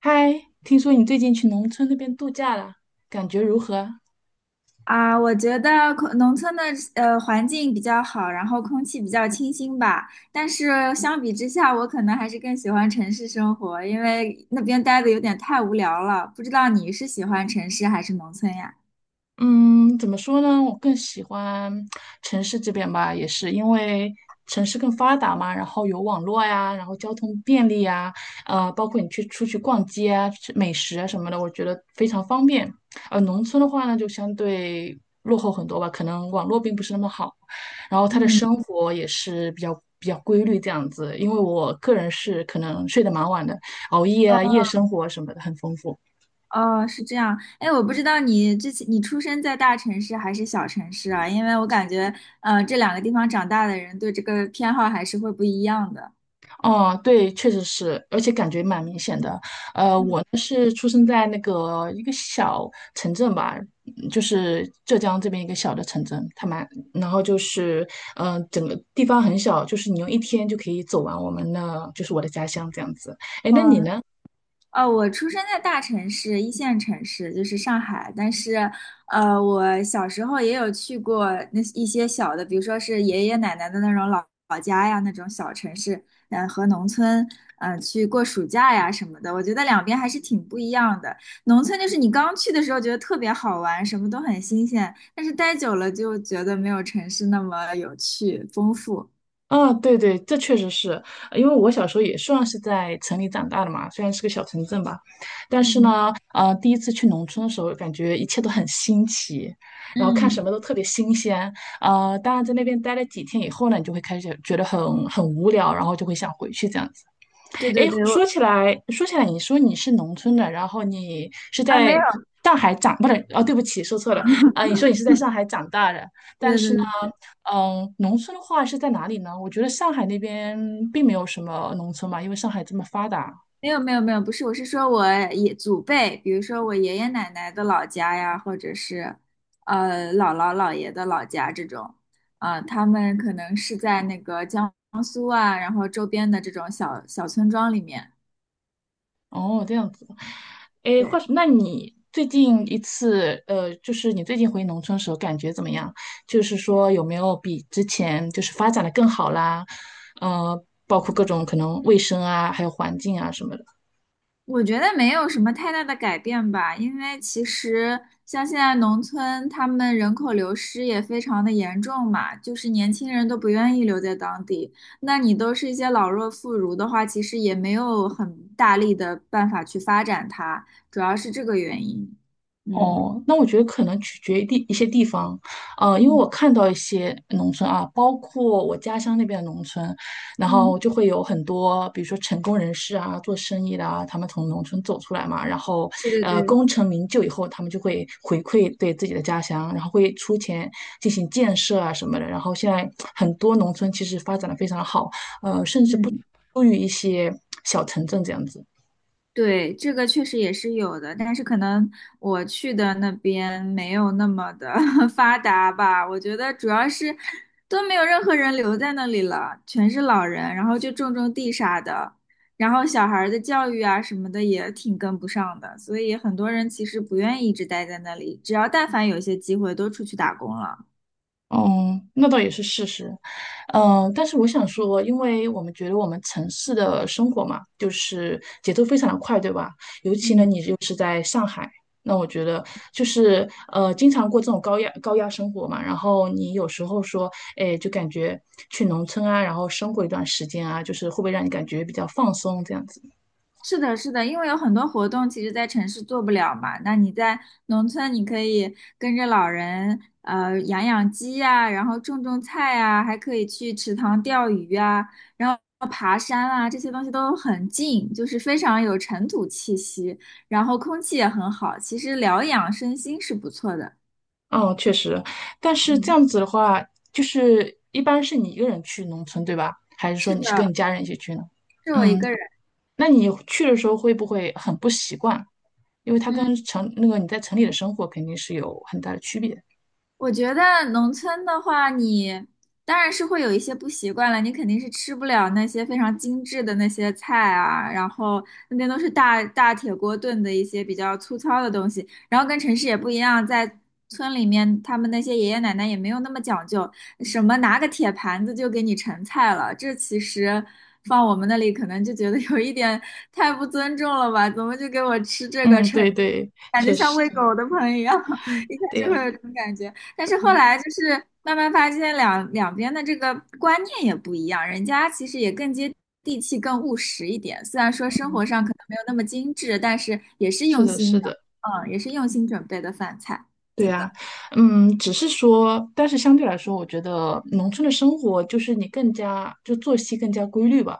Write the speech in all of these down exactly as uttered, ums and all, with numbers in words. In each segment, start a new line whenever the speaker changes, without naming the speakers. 嗨，听说你最近去农村那边度假了，感觉如何？
啊，我觉得空农村的呃环境比较好，然后空气比较清新吧。但是相比之下，我可能还是更喜欢城市生活，因为那边待的有点太无聊了。不知道你是喜欢城市还是农村呀？
嗯，怎么说呢？我更喜欢城市这边吧，也是因为城市更发达嘛，然后有网络呀，然后交通便利呀，呃，包括你去出去逛街啊、吃美食啊什么的，我觉得非常方便。呃，农村的话呢，就相对落后很多吧，可能网络并不是那么好，然后他的
嗯，
生活也是比较比较规律这样子。因为我个人是可能睡得蛮晚的，熬夜啊、夜生活什么的很丰富。
哦，是这样。哎，我不知道你之前你出生在大城市还是小城市啊？因为我感觉呃这两个地方长大的人对这个偏好还是会不一样的。
哦，对，确实是，而且感觉蛮明显的。呃，
嗯，
我呢是出生在那个一个小城镇吧，嗯就是浙江这边一个小的城镇，它蛮，然后就是，嗯、呃整个地方很小，就是你用一天就可以走完我们的，就是我的家乡这样子。哎，
哦
那你呢？
哦，我出生在大城市，一线城市，就是上海。但是，呃，我小时候也有去过那一些小的，比如说是爷爷奶奶的那种老老家呀，那种小城市，嗯、和农村，嗯、去过暑假呀什么的。我觉得两边还是挺不一样的。农村就是你刚去的时候觉得特别好玩，什么都很新鲜，但是待久了就觉得没有城市那么有趣、丰富。
啊，对对，这确实是，呃因为我小时候也算是在城里长大的嘛，虽然是个小城镇吧，但是
嗯
呢，呃，第一次去农村的时候，感觉一切都很新奇，然后看什
嗯，
么都特别新鲜，呃，当然在那边待了几天以后呢，你就会开始觉得很很无聊，然后就会想回去这样子。
对
哎，
对对，我
说起来，说起来，你说你是农村的，然后你是
啊
在
没有，
上海长，不是，哦，对不起，说错了，啊、你说你是在上海长大的，但
对
是呢，
对对。
嗯，农村的话是在哪里呢？我觉得上海那边并没有什么农村嘛，因为上海这么发达。
没有没有没有，不是，我是说我爷祖辈，比如说我爷爷奶奶的老家呀，或者是呃姥姥姥爷的老家这种，啊、他们可能是在那个江苏啊，然后周边的这种小小村庄里面。
哦，这样子。哎，话
对
说，那你最近一次，呃，就是你最近回农村时候感觉怎么样？就是说有没有比之前就是发展的更好啦？呃，包括各种可能卫生啊，还有环境啊什么的。
我觉得没有什么太大的改变吧，因为其实像现在农村，他们人口流失也非常的严重嘛，就是年轻人都不愿意留在当地。那你都是一些老弱妇孺的话，其实也没有很大力的办法去发展它，主要是这个原因。嗯
哦，那我觉得可能取决于地一些地方，呃，因为
嗯
我看到一些农村啊，包括我家乡那边的农村，然后
嗯，
就会有很多，比如说成功人士啊，做生意的啊，他们从农村走出来嘛，然后
对对
呃，
对，
功成名就以后，他们就会回馈对自己的家乡，然后会出钱进行建设啊什么的，然后现在很多农村其实发展的非常好，
嗯。
优于一些小城镇这样子。
对，这个确实也是有的，但是可能我去的那边没有那么的 发达吧。我觉得主要是都没有任何人留在那里了，全是老人，然后就种种地啥的，然后小孩儿的教育啊什么的也挺跟不上的，所以很多人其实不愿意一直待在那里，只要但凡有一些机会都出去打工了。
嗯，那倒也是事实，嗯，
嗯
但是我想说，因为我们觉得我们城市的生活嘛，就是节奏非常的快，对吧？尤其呢，
嗯。
你又是在上海，那我觉得就是呃，经常过这种高压高压生活嘛，然后你有时候说，哎，就感觉去农村啊，然后生活一段时间啊，就是会不会让你感觉比较放松这样子？
是的，是的，因为有很多活动其实在城市做不了嘛。那你在农村，你可以跟着老人，呃，养养鸡呀，然后种种菜呀，还可以去池塘钓鱼啊，然后爬山啊，这些东西都很近，就是非常有尘土气息，然后空气也很好，其实疗养身心是不错的。
嗯，确实，但是这
嗯，
样子的话，就是一般是你一个人去农村，对吧？还是说
是
你是跟你
的，
家人一起去呢？
是我一
嗯，
个人。
那你去的时候会不会很不习惯？因为它跟
嗯。
城那个你在城里的生活肯定是有很大的区别。
我觉得农村的话，你当然是会有一些不习惯了，你肯定是吃不了那些非常精致的那些菜啊，然后那边都是大大铁锅炖的一些比较粗糙的东西，然后跟城市也不一样，在村里面他们那些爷爷奶奶也没有那么讲究，什么拿个铁盘子就给你盛菜了，这其实放我们那里可能就觉得有一点太不尊重了吧，怎么就给我吃这个
嗯，
盛，
对对，
感觉
确
像
实，
喂狗的盆一样。一开
对
始会
呀，
有这种感觉，但是后
嗯
来就是慢慢发现两两边的这个观念也不一样，人家其实也更接地气、更务实一点。虽然说生活
嗯，
上可能没有那么精致，但是也是
是
用
的，
心
是
的，
的。
嗯，也是用心准备的饭菜。
对
对
啊，
的，
嗯，只是说，但是相对来说，我觉得农村的生活就是你更加就作息更加规律吧，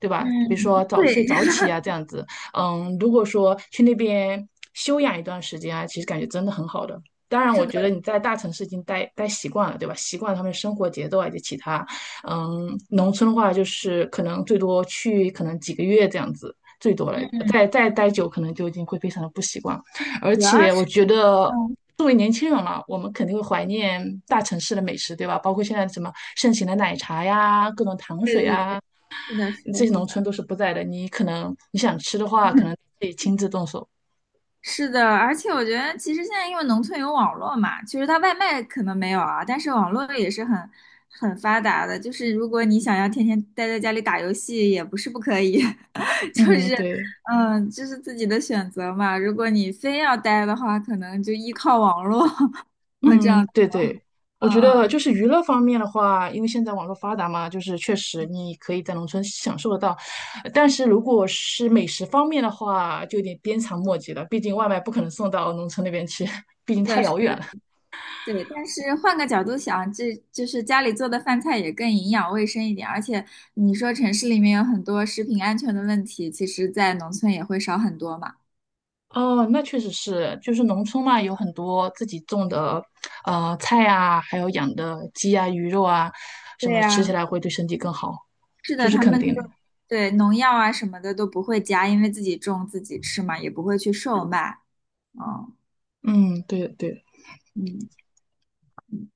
对吧？比如
嗯，
说早睡
对，
早 起啊，这样子。嗯，如果说去那边休养一段时间啊，其实感觉真的很好的。当然，
是
我
的，
觉得你在大城市已经待待习惯了，对吧？习惯了他们的生活节奏啊以及其他。嗯，农村的话就是可能最多去可能几个月这样子，最多了。再再待久，可能就已经会非常的不习惯。而
主要
且
是，
我觉得
嗯，
作为年轻人嘛，我们肯定会怀念大城市的美食，对吧？包括现在什么盛行的奶茶呀、各种糖
对
水
对
啊，
对，是的，是的，
这些
是
农村
的。
都是不在的。你可能你想吃的话，可能 得亲自动手。
是的，而且我觉得其实现在因为农村有网络嘛，其实它外卖可能没有啊，但是网络也是很很发达的。就是如果你想要天天待在家里打游戏，也不是不可以，就
嗯，
是
对，
嗯，就是自己的选择嘛。如果你非要待的话，可能就依靠网络 那这
嗯，
样，
对对。我
嗯
觉得
嗯，
就是娱乐方面的话，因为现在网络发达嘛，就是确实你可以在农村享受得到，但是如果是美食方面的话，就有点鞭长莫及了。毕竟外卖不可能送到农村那边去，毕竟太遥
对。
远了。
对，但是换个角度想，这就是家里做的饭菜也更营养卫生一点，而且你说城市里面有很多食品安全的问题，其实在农村也会少很多嘛。
哦，那确实是，就是农村嘛，有很多自己种的，呃，菜啊，还有养的鸡啊、鱼肉啊，什
对
么吃起
呀，
来会对身体更好，
是
这
的，
是
他
肯
们就
定的。
对农药啊什么的都不会加，因为自己种自己吃嘛，也不会去售卖。嗯
嗯，对对，
嗯。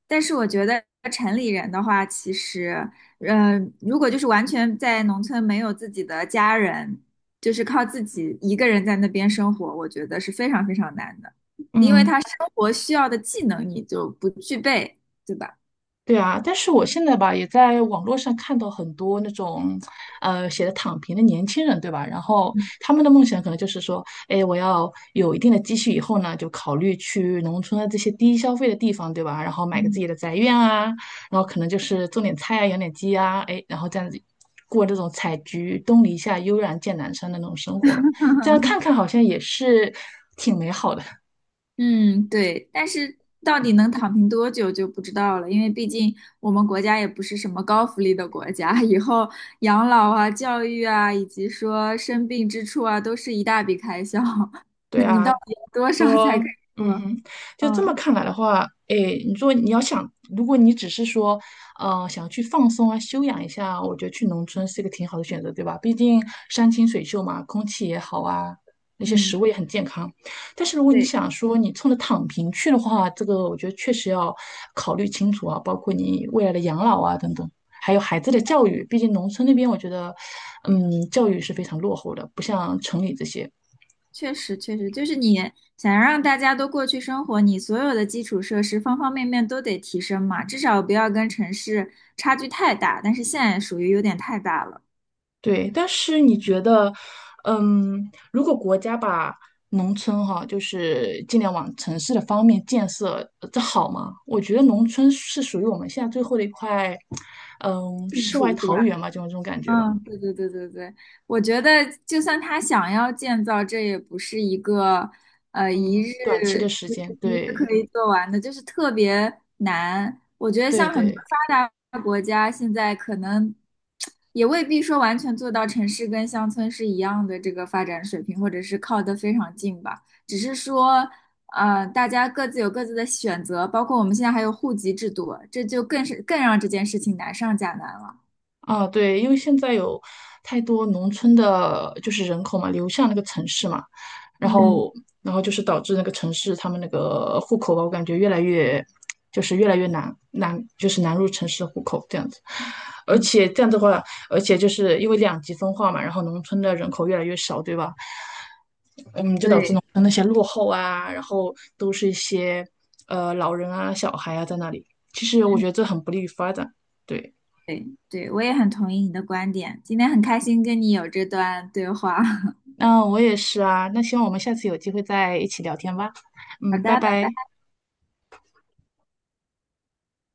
但是我觉得城里人的话，其实，嗯，如果就是完全在农村没有自己的家人，就是靠自己一个人在那边生活，我觉得是非常非常难的，因为
嗯。
他生活需要的技能你就不具备，对吧？
对啊，但是我现在吧，也在网络上看到很多那种，呃，写的躺平的年轻人，对吧？然后
嗯
他们的梦想可能就是说，哎，我要有一定的积蓄以后呢，就考虑去农村的这些低消费的地方，对吧？然后买个 自己的宅院啊，然后可能就是种点菜啊，养点鸡啊，哎，然后这样子过这种采菊东篱下，悠然见南山的那种生活嘛。这样
嗯
看看好像也是挺好的，
嗯，对，但是到底能躺平多久就不知道了，因为毕竟我们国家也不是什么高福利的国家，以后养老啊、教育啊，以及说生病支出啊，都是一大笔开销。
对
你
啊。
到底有多少才可
说，
以
嗯
说？
哼，就这么
嗯
看来的话，哎，你说你要想，如果你只是说，呃，想去放松啊、休养一下，我觉得去农村是一个挺好的选择，对吧？毕竟山清水秀嘛，空气也好啊，那些食
嗯，
物也很健康。但是如果你
对，
想说你冲着躺平去的话，这个我觉得确实要考虑清楚啊，包括你未来的养老啊等等，还有孩子的教育，毕竟农村那边我觉得，嗯，教育是非常落后的，不像城里这些。
确实确实，就是你想让大家都过去生活，你所有的基础设施方方面面都得提升嘛，至少不要跟城市差距太大，但是现在属于有点太大了，
对，但是你觉得，嗯，如果国家把农村哈，就是尽量往城市的方面建设，呃这好吗？我觉得农村是属于我们现在最后的一块，嗯，
嗯。
世外
处是吧？
桃源嘛，就种这种感觉吧。
嗯，对对对对对，我觉得就算他想要建造，这也不是一个呃一
嗯，
日
短期的时
就
间，
是一日
对
可以做完的，就是特别难。我觉得
对
像很多
对。
发达国家现在可能也未必说完全做到城市跟乡村是一样的这个发展水平，或者是靠得非常近吧。只是说，呃，大家各自有各自的选择，包括我们现在还有户籍制度，这就更是更让这件事情难上加难了。
啊，对，因为现在有太多农村的，就是人口嘛，流向那个城市嘛，然
嗯。
后，然后就是导致那个城市他们那个户口吧，我感觉越来越，就是越来越难难，就是难入城市的户口这样子。而
嗯
且这样的话，而且就是因为两极分化嘛，然后农村的人口越来越少，对吧？你就导致农
对，
村那些落后啊，然后都是一些呃老人啊、小孩啊在那里，其实我
嗯，
觉得这很不利于发展。对。
对，对，我也很同意你的观点。今天很开心跟你有这段对话。
嗯，我也是啊。那希望我们下次有机会再一起聊天吧。
好
嗯，
的，
拜
拜
拜。
拜。